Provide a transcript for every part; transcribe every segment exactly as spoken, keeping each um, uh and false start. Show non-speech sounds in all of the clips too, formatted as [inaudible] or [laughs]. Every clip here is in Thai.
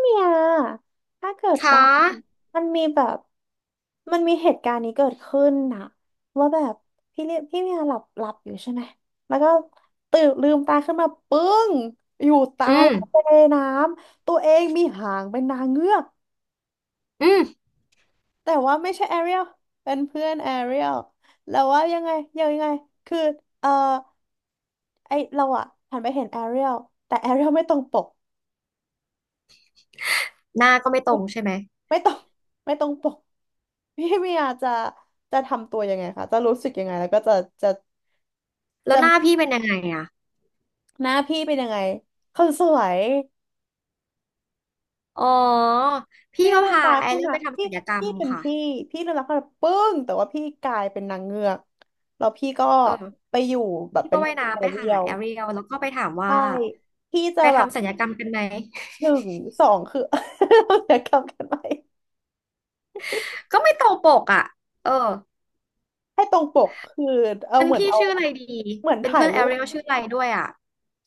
เนี่ยถ้าเกิดขาว่ามันมีแบบมันมีเหตุการณ์นี้เกิดขึ้นนะว่าแบบพี่เรียพี่เมียหลับหลับอยู่ใช่ไหมแล้วก็ตื่นลืมตาขึ้นมาปึ้งอยู่ใตาอืยมทะเลน้ำตัวเองมีหางเป็นนางเงือกอืมแต่ว่าไม่ใช่แอเรียลเป็นเพื่อนแอเรียลแล้วว่ายังไงยังไงคือเออไอเราอะหันไปเห็นแอเรียลแต่แอเรียลไม่ตรงปก หน้าก็ไม่ตรงใช่ไหม ไม่ต้องไม่ต้องปก [laughs] พี่เมียจะจะทำตัวยังไงคะจะรู้สึกยังไงแล้วก็จะจะแล้จะวหน้าพี่เป็นยังไงอ่ะหน้าพี่เป็นยังไงคนสวยอ๋อพี่พี่ก็ลืมพาตาแอขึ้นเรียลมาไปทำพี่ศัลยกรรมพี่เป็นค่ะพี่พี่ลืมตาขึ้นมาปึ้งแต่ว่าพี่กลายเป็นนางเงือกแล้วพี่ก็เออไปอยู่แบบพี่เป็ก็นคว่ายพื่นแอน้ำไปเรีหายลแอเรียลแล้วก็ไปถามว่าใช่พี่จะไปแบบทำศัลยกรรมกันไหม หนึ่งสองคือ [laughs] เดี๋ยวกลับกันไป [laughs] ก็ไม่ตรงปกอ่ะเออให้ตรงปกคือเอาเป็นเหมือนพี่เอาชื่ออะไรดีเหมือนเป็นถ่าเพื่ยอนแอรูป เรียลชื่ออะไรด้วยอ่ะ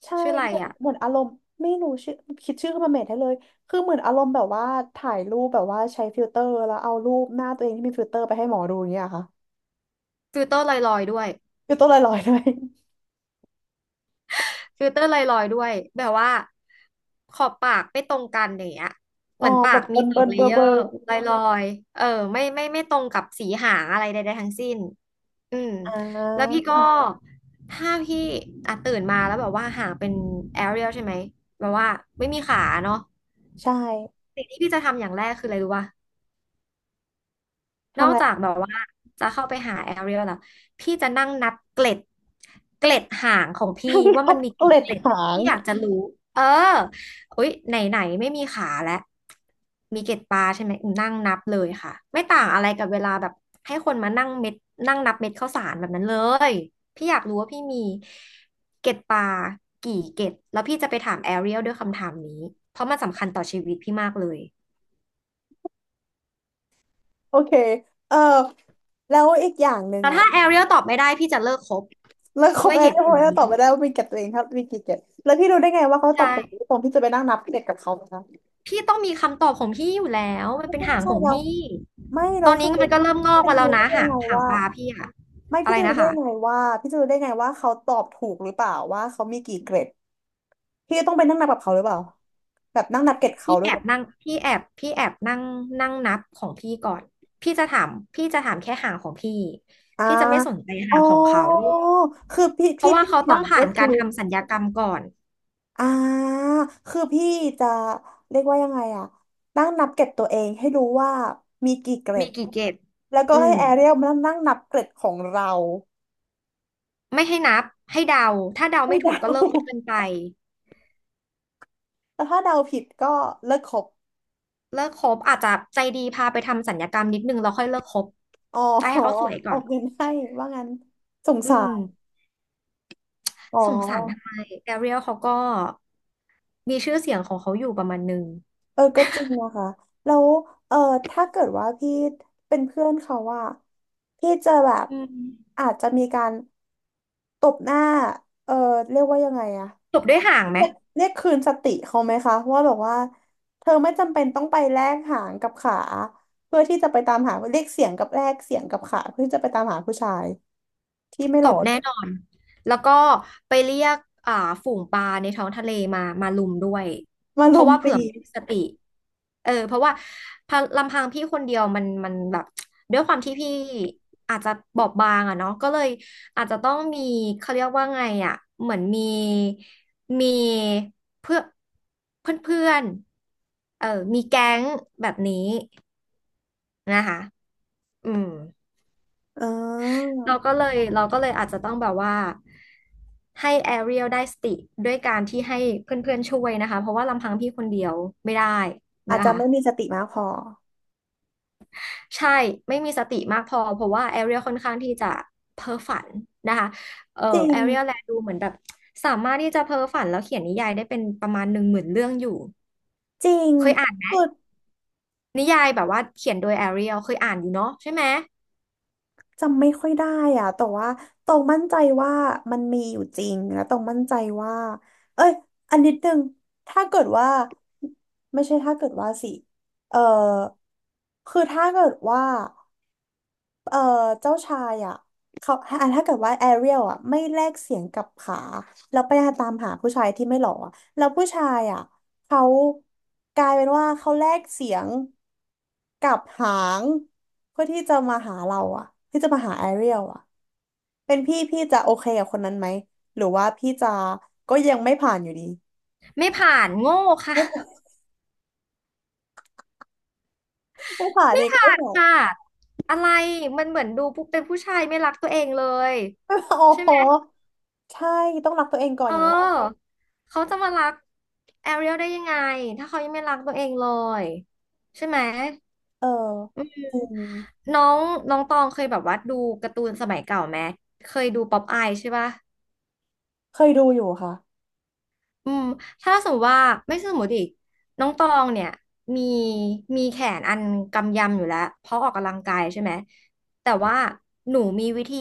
ใช่ชื่ออะไรเหมือนอ่ะเหมือนอารมณ์ไม่รู้ชื่อคิดชื่อขึ้นมาเมทให้เลยคือเหมือนอารมณ์แบบว่าถ่ายรูปแบบว่าใช้ฟิลเตอร์แล้วเอารูปหน้าตัวเองที่มีฟิลเตอร์ไปให้หมอดูอย่างเงี้ยค่ะฟิลเตอร์ลอยๆด้วย ฟิลเตอร์ลอยๆด้วยฟิลเตอร์ไลลอยด์ด้วยแบบว่าขอบปากไม่ตรงกันอย่างเงี้ยเหอ๋อมือนปาแบกบเบิมีร์นสอเบิงร์นเลเบอเยร์อเบอร์ร์ไลอยลอยด์เออไม่ไม่ไม่ตรงกับสีหางอะไรใดๆทั้งสิ้นอืมอ่แล้วาพี่ก็ถ้าพี่อ่ะตื่นมาแล้วแบบว่าหางเป็นแอเรียลใช่ไหมแบบว่าไม่มีขาเนาะใช่สิ่งที่พี่จะทำอย่างแรกคืออะไรรู้ป่ะ นทำออะกไร จากแบบว่าจะเข้าไปหาแอเรียลแล้วพี่จะนั่งนับเกล็ดเกล็ดหางของพี่ [laughs] ว่าขัมับ นมี [laughs] เกกี่ล็ดเกล็ดหางที่อยากจะรู้เอออุ๊ยไหนไหนไม่มีขาแล้วมีเกล็ดปลาใช่ไหมอืมนั่งนับเลยค่ะไม่ต่างอะไรกับเวลาแบบให้คนมานั่งเม็ดนั่งนับเม็ดข้าวสารแบบนั้นเลยพี่อยากรู้ว่าพี่มีเกล็ดปลากี่เกล็ดแล้วพี่จะไปถามแอเรียลด้วยคำถามนี้เพราะมันสำคัญต่อชีวิตพี่มากเลย โอเคเออแล้วอีกอย่างหนึ่งแต่อะถ้าแอเรียลตอบไม่ได้พี่จะเลิกคบแล้วครด้บวยแอนเหตุที่ผผมลจะนี้ตอบไปได้ว่ามีเกล็ดตัวเองครับมีกี่เกล็ดแล้วพี่รู้ได้ไงว่าเขาตใช่อบถูกตรงที่จะไปนั่งนับเกล็ดกับเขาไหมคะ พี่ต้องมีคำตอบของพี่อยู่แล้วมันไม่เป็นใช่หาไม่งใช่ของเราพี่ไม่ตเราอนคือนี้มัพี่นก็เริ่มงอกจะมาแล้รู้วนะได้ยังหางไงหางว่าปลาพี่อะไม่อะพี่ไรจะรู้นะได้คะยังไงว่าพี่จะรู้ได้ยังไงว่าเขาตอบถูกหรือเปล่าว่าเขามีกี่เกรดพี่จะต้องไปนั่งนับกับเขาหรือเปล่าแบบนั่งนับเกรดเขาพี่ด้วแอยเหรบอนั่งพี่แอบพี่แอบนั่งนั่งนับของพี่ก่อนพี่จะถามพี่จะถามแค่หางของพี่อ่าพี่จะไม่สนใจอ๋อหางของเขาคือพี่เพพี่ราะว่าพี่เขาถาต้องมผ่าก็นคืกาอรทำสัญญากรรมก่อนอ่าคือพี่จะเรียกว่ายังไงอะนั่งนับเกรดตัวเองให้รู้ว่ามีกี่เกรมีดกี่เกตแล้วก็อืให้มแอเรียลมานั่งนับเกรดของเราไม่ให้นับให้เดาถ้าเดาให้ไม่ถูเดา กก็เลิกคบกันไป แต่ถ้าเดาผิดก็เลิกคบเลิกคบอาจจะใจดีพาไปทำสัญญกรรมนิดนึงแล้วค่อยเลิกคบอ๋อ ให้ [laughs] เขาสวยอก่ออนกเงินให้ว่างั้นสงอืสามรอ๋อสงสารทำไมแอเรียลเขาก็มีชื่อเสียงของเขาอยู่ประมาณนึงเออก็จริงนะคะแล้วเออถ้าเกิดว่าพี่เป็นเพื่อนเขาว่าพี่จะแบบอืมอาจจะมีการตบหน้าเออเรียกว่ายังไงอะจบด้วยห่างไหม เรียกเรียกคืนสติเขาไหมคะว่าแบบว่าเธอไม่จำเป็นต้องไปแลกหางกับขาเพื่อที่จะไปตามหาเรียกเสียงกับแลกเสียงกับขาเพื่อที่จะไปตามหาผู้ชายที่ไม่ตหล่อ บแน่นอน แล้วก็ไปเรียกอ่าฝูงปลาในท้องทะเลมามาลุมด้วย มาเพลราะมว่าตีเผื่อไมมีสติเออเพราะว่าพะลำพังพี่คนเดียวมันมันแบบด้วยความที่พี่อาจจะบอบบางอะเนาะก็เลยอาจจะต้องมีเขาเรียกว่าไงอะเหมือนมีมีเพื่อเพื่อนเพื่อนๆเออมีแก๊งแบบนี้นะคะอืม อ๋อเราก็เลยเราก็เลยอาจจะต้องแบบว่าให้แอเรียลได้สติด้วยการที่ให้เพื่อนๆช่วยนะคะเพราะว่าลำพังพี่คนเดียวไม่ได้อาจนะจะคะไม่มีสติมากพอใช่ไม่มีสติมากพอเพราะว่าแอเรียลค่อนข้างที่จะเพ้อฝันนะคะเอ่อจริแองเรียลแลดูเหมือนแบบสามารถที่จะเพ้อฝันแล้วเขียนนิยายได้เป็นประมาณหนึ่งหมื่นเรื่องอยู่จริงเคยอ่านไหมคือนิยายแบบว่าเขียนโดยแอเรียลเคยอ่านอยู่เนาะใช่ไหมจำไม่ค่อยได้อะแต่ว่าตรงมั่นใจว่ามันมีอยู่จริงแล้วตรงมั่นใจว่าเอ้ยอันนิดนึงถ้าเกิดว่าไม่ใช่ถ้าเกิดว่าสิเออคือถ้าเกิดว่า เอ่อเจ้าชายอ่ะเขาอ่ะถ้าเกิดว่าแอเรียลอ่ะไม่แลกเสียงกับขาแล้วไปตามหาผู้ชายที่ไม่หล่ออะแล้วผู้ชายอ่ะเขากลายเป็นว่าเขาแลกเสียงกับหางเพื่อที่จะมาหาเราอ่ะที่จะมาหาแอเรียลอ่ะเป็นพี่พี่จะโอเคกับคนนั้นไหมหรือว่าพี่จะก็ยังไม่ผ่านอยู่ดีไม่ผ่านโง่ค่ะ ไม่ผ่านไม่ผ่านไม่อีกผ่าไม่นผ่าน ค่ะอะไรมันเหมือนดูปุ๊บเป็นผู้ชายไม่รักตัวเองเลย [laughs] ไม่ผ่าน [laughs] โอ้ใช่โหไหมใช่ต้องรักตัวเองก่อนเออย่างแรกอเขาจะมารักแอเรียลได้ยังไงถ้าเขายังไม่รักตัวเองเลยใช่ไหมเออจริงน้องน้องตองเคยแบบว่าดูการ์ตูนสมัยเก่าไหมเคยดูป๊อปอายใช่ปะ เคยดูอยู่ค่ะ อืมถ้าสมมติว่าไม่สมมติอีกน้องตองเนี่ยมีมีแขนอันกำยำอยู่แล้วเพราะออกกำลังกายใช่ไหมแต่ว่าหนูมีวิธี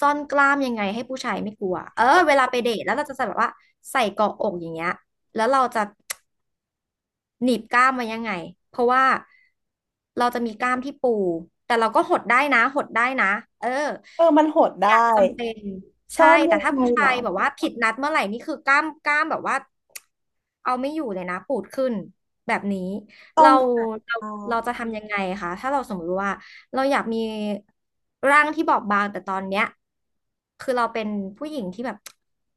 ซ่อนกล้ามยังไงให้ผู้ชายไม่กลัวเออเวลาไปเดทแล้วเราจะแบบว่าใส่เกาะอกอย่างเงี้ยแล้วเราจะ หนีบกล้ามไว้ยังไง เพราะว่าเราจะมีกล้ามที่ปูแต่เราก็หดได้นะหดได้นะเออเออ มันโหดได้อยากจำเป็นซ่อใช่นยัแต่งถ้าไงผู้เหรชาอ ยแบบว่าผิดนัดเมื่อไหร่นี่คือกล้ามกล้ามแบบว่าเอาไม่อยู่เลยนะปูดขึ้นแบบนี้ต้อเรางอาจจเราเราะจะทำยังไงคะถ้าเราสมมติว่าเราอยากมีร่างที่บอบบางแต่ตอนเนี้ยคือเราเป็นผู้หญิงที่แบบ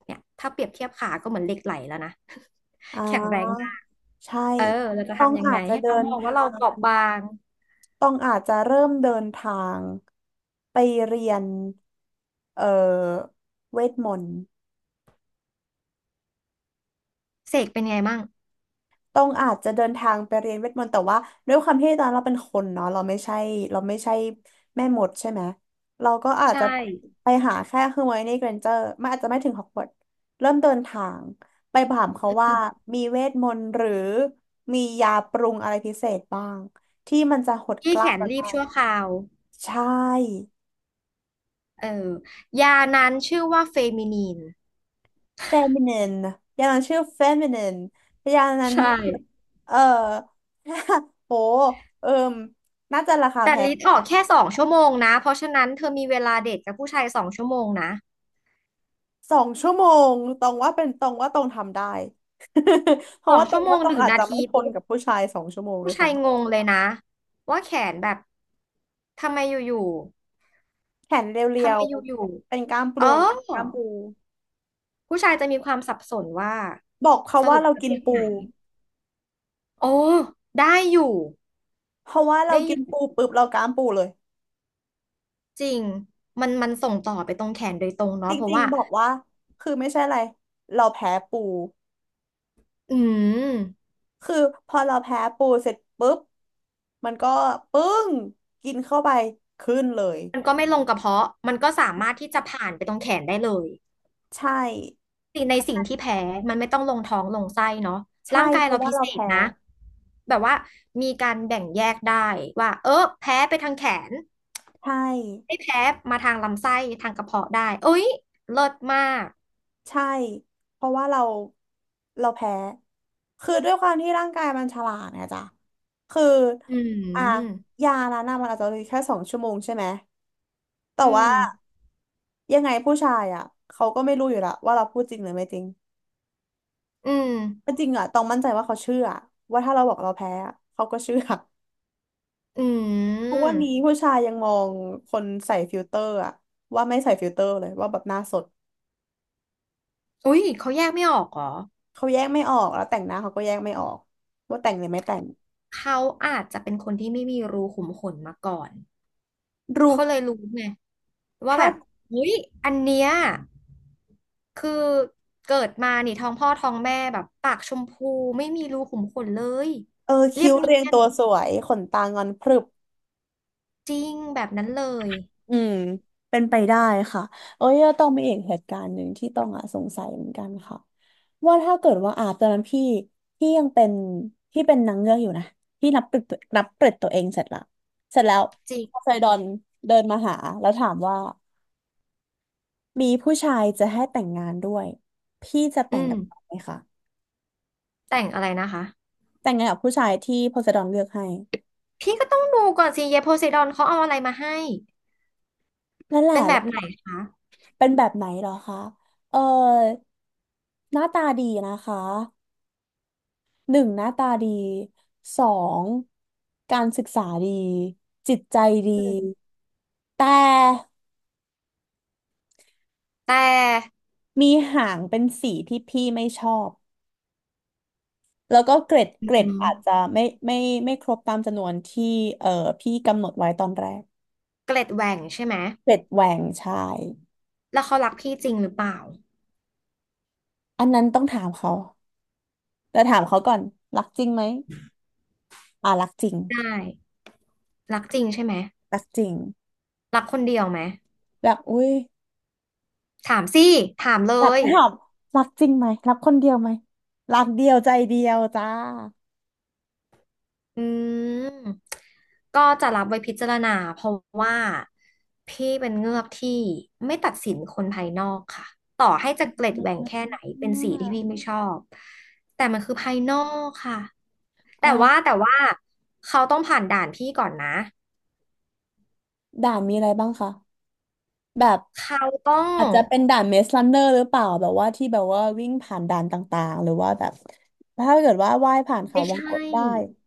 เนี่ยถ้าเปรียบเทียบขาก็เหมือนเหล็กไหลแล้วนะ อ่ [laughs] แข็งแรง าใช่ เออเราจะต้องทำยังอาไงจจะให้เดิเขานมองว่าทาเราเปง ราะบางต้องอาจจะเริ่มเดินทางไปเรียนเอ่อเวทมนต์ เสกเป็นไงมั่งต้องอาจจะเดินทางไปเรียนเวทมนต์แต่ว่าด้วยความที่ตอนเราเป็นคนเนาะเราไม่ใช่เราไม่ใช่แม่มดใช่ไหมเราก็อาจใช่จะไปหาแค่เือไมโในเกรนเจอร์มันอาจจะไม่ถึงฮอกวอตส์เริ่มเดินทางไปถามเขาว่ามีเวทมนต์หรือมียาปรุงอะไรพิเศษบ้างที่มันจะหดกที่แขล้ามนเรารีได้บชั่วคราวใช่ เออยานั้นชื่อว่าเฟมินีน feminine ยานั้นชื่อ feminine ยานั้นใช่เออ [laughs] โหเอิมน่าจะราคาแต่แพง ลิ์ออกแค่สองชั่วโมงนะเพราะฉะนั้นเธอมีเวลาเดทกับผู้ชายสองชั่วโมงนะสองชั่วโมงตองว่าเป็นตรงว่าตองทำได้ [laughs] เพสราะองว่าตอชั่งวโมว่างตหองนึ่งอาจนาจะไม่ทีทปุ๊นบกับผู้ชายสองชั่วโมงด้ผู้วยชายซ้ำงงเลยนะว่าแขนแบบทำไมอยู่แขนเๆรีทำยไมวอยู่ๆเป็นกล้ามๆเอปูอกล้ามปูผู้ชายจะมีความสับสนว่าบอกเขาสว่ารุปเราประกิเภนทปูไหนโอ้ได้อยู่ เพราะว่าเราได้อกินยู่ปูปุ๊บเรากล้ามปูเลยจริงมันมันส่งต่อไปตรงแขนโดยตรงจเนาะเพราะริงว่าๆบอกว่าคือไม่ใช่อะไรเราแพ้ปูอืมคือพอเราแพ้ปูเสร็จปุ๊บมันก็ปึ้งกินเข้าไปขึ้นเลยมันก็ไม่ลงกระเพาะ มันก็สามารถที่จะผ่านไปตรงแขนได้เลยใช่สิ่งในสิ่งที่แพ้มันไม่ต้องลงท้องลงไส้เนาะใช่ร่างกายเพเราราะว่าพิเราเศษแพ้นะแบบว่ามีการแบ่งแยกได้ว่าเออ แพ้ไปทางแขนใช่ ไม่แพ้มาทางลำไส้ทางกระเพาะได้เอ้ยเลิศมากใช่เพราะว่าเราเราแพ้คือด้วยความที่ร่างกายมันฉลาดไงจ๊ะคืออือ่ะมยานั้นน่ะมันอาจจะเหลือแค่สองชั่วโมงใช่ไหมแต่อืว่ามยังไงผู้ชายอ่ะเขาก็ไม่รู้อยู่และวว่าเราพูดจริงหรือไม่จริงอืมแต่จริงอ่ะต้องมั่นใจว่าเขาเชื่อว่าถ้าเราบอกเราแพ้อะเขาก็เชื่ออืทุกวันมนี้ผู้ชายยังมองคนใส่ฟิลเตอร์อ่ะว่าไม่ใส่ฟิลเตอร์เลยว่าแบบหน้าสดอุ้ยเขาแยกไม่ออกเหรอ เขาแยกไม่ออกแล้วแต่งหน้าเขาก็แยกไม่ออกว่าแต่งหรือไม่แต่งเขาอาจจะเป็นคนที่ไม่มีรูขุมขนมาก่อนรู้เขาเลยรู้ไงว่าถ้า แบบเฮ้ยอันเนี้ยคือเกิดมานี่ท้องพ่อท้องแม่แบบปากชมพูไม่มีรูขุมขนเลยเออเรียคิ้บวเนีเรียงยนตัวสวยขนตางอนพรึบจริงแบบนั้นเลยอืมเป็นไปได้ค่ะเอ้ยต้องมีอีกเหตุการณ์หนึ่งที่ต้องอ่ะสงสัยเหมือนกันค่ะว่าถ้าเกิดว่าอาบตอนนั้นพี่พี่ยังเป็นพี่เป็นนางเงือกอยู่นะพี่นับเกลิดนับเกลิดตัวเองเสร็จละเสร็จแล้วจริพอไซงดอนเดินมาหาแล้วถามว่ามีผู้ชายจะให้แต่งงานด้วยพี่จะอืแต่งมกับเขาไหมคะแต่งอะไรนะคะแต่งงานกับผู้ชายที่โพไซดอนเลือกให้พี่ก็ต้องดูก่อนสิเยโพไซดอนเขาเอาอะไรมาให้นั่นแหละ เป็นแบบไหนคะเป็นแบบไหนเหรอคะ เอ่อหน้าตาดีนะคะ หนึ่งหน้าตาดีสอง การศึกษาดี จิตใจดี อืมแต่แต่มีหางเป็นสีที่พี่ไม่ชอบ แล้วก็เกรดอืเกรดมอาจจะไม่ไม่ไม่ครบตามจำนวนที่เอ่อพี่กำหนดไว้ตอนแรกเกล็ดแหว่งใช่ไหมเกรดแหว่งใช่แล้วเขารักพี่จริงหรือเปล่าอันนั้นต้องถามเขาแต่ถามเขาก่อน รักจริงไหม อ่ารักจริงได้ รักจริงใช่ไหมรักจริงรักคนเดียวไหมแบบอุ้ย ถามสิถามเลแบบยไม่หอมรักจริงไหมรักคนเดียวไหมรักเดียวใจเดียวจ้าอืมก็จะรับไว้พิจารณาเพราะว่าพี่เป็นเงือกที่ไม่ตัดสินคนภายนอกค่ะต่อให้จะเกล็ดแหว่องแค่ไหนเป็นสีที่พี่่าไม่ชอบแต่มันคือภายนอกค่ะเอ่แต่ว่าอแต่ว่าเขาต้องผ่านด่านพี่ก่อนนะด่านมีอะไรบ้างคะแบบเขาต้ออาจงจะเป็นด่านเมสลันเนอร์หรือเปล่าแบบว่าที่แบบว่าวิ่งผ่านด่านต่างๆหรือว่าแบบถ้าเกิดว่าว่ายผ่านเขาไม่วงกใช่ตได้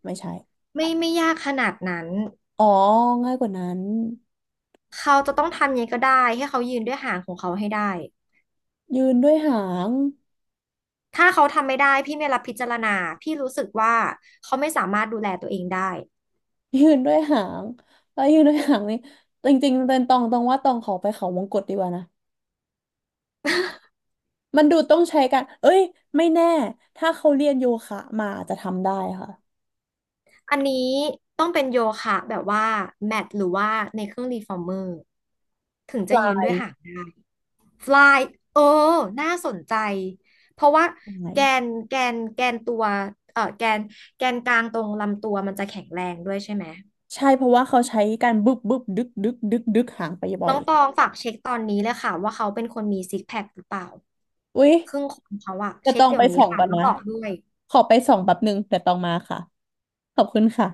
ไม่ใช่ไม่ไม่ยากขนาดนั้นอ๋อง่ายกว่านั้นเขาจะต้องทำยังไงก็ได้ให้เขายืนด้วยหางของเขาให้ได้ ยืนด้วยหาง ถ้าเขาทำไม่ได้พี่ไม่รับพิจารณาพี่รู้สึกว่าเขาไม่สามารถดูแลตัวเองได้ [laughs] ยืนด้วยหางแล้วยืนด้วยหางนี่จริงๆเป็นตองตองว่าตองขอไปเขาวงกตดีกว่านะ [laughs] มันดูต้องใช้กัน เอ้ย ไม่แน่ ถ้าเขาเรียนโยคะมาอาจจะทำได้ค่ะอันนี้ต้องเป็นโยคะแบบว่าแมทหรือว่าในเครื่องรีฟอร์เมอร์ถึงไจะยืนปด้วยหางฟลายเออน่าสนใจเพราะว่ายังไงแกนแกนแกนตัวเออแกนแกนกลางตรงลำตัวมันจะแข็งแรงด้วยใช่ไหมใช่ เพราะว่าเขาใช้การบึบบึบดึกดึกดึกดึกหางไปบ่อน้ยองตองฝากเช็คตอนนี้เลยค่ะว่าเขาเป็นคนมีซิกแพคหรือเปล่าอุ๊ยครึ่งคนเขาอะจะเช็ตคองเดี๋ยไปวนี้ส่องค่ะก่อนแล้วนะ บอกด้วยขอไปส่องแป๊บนึงแต่ตองมาค่ะ ขอบคุณค่ะ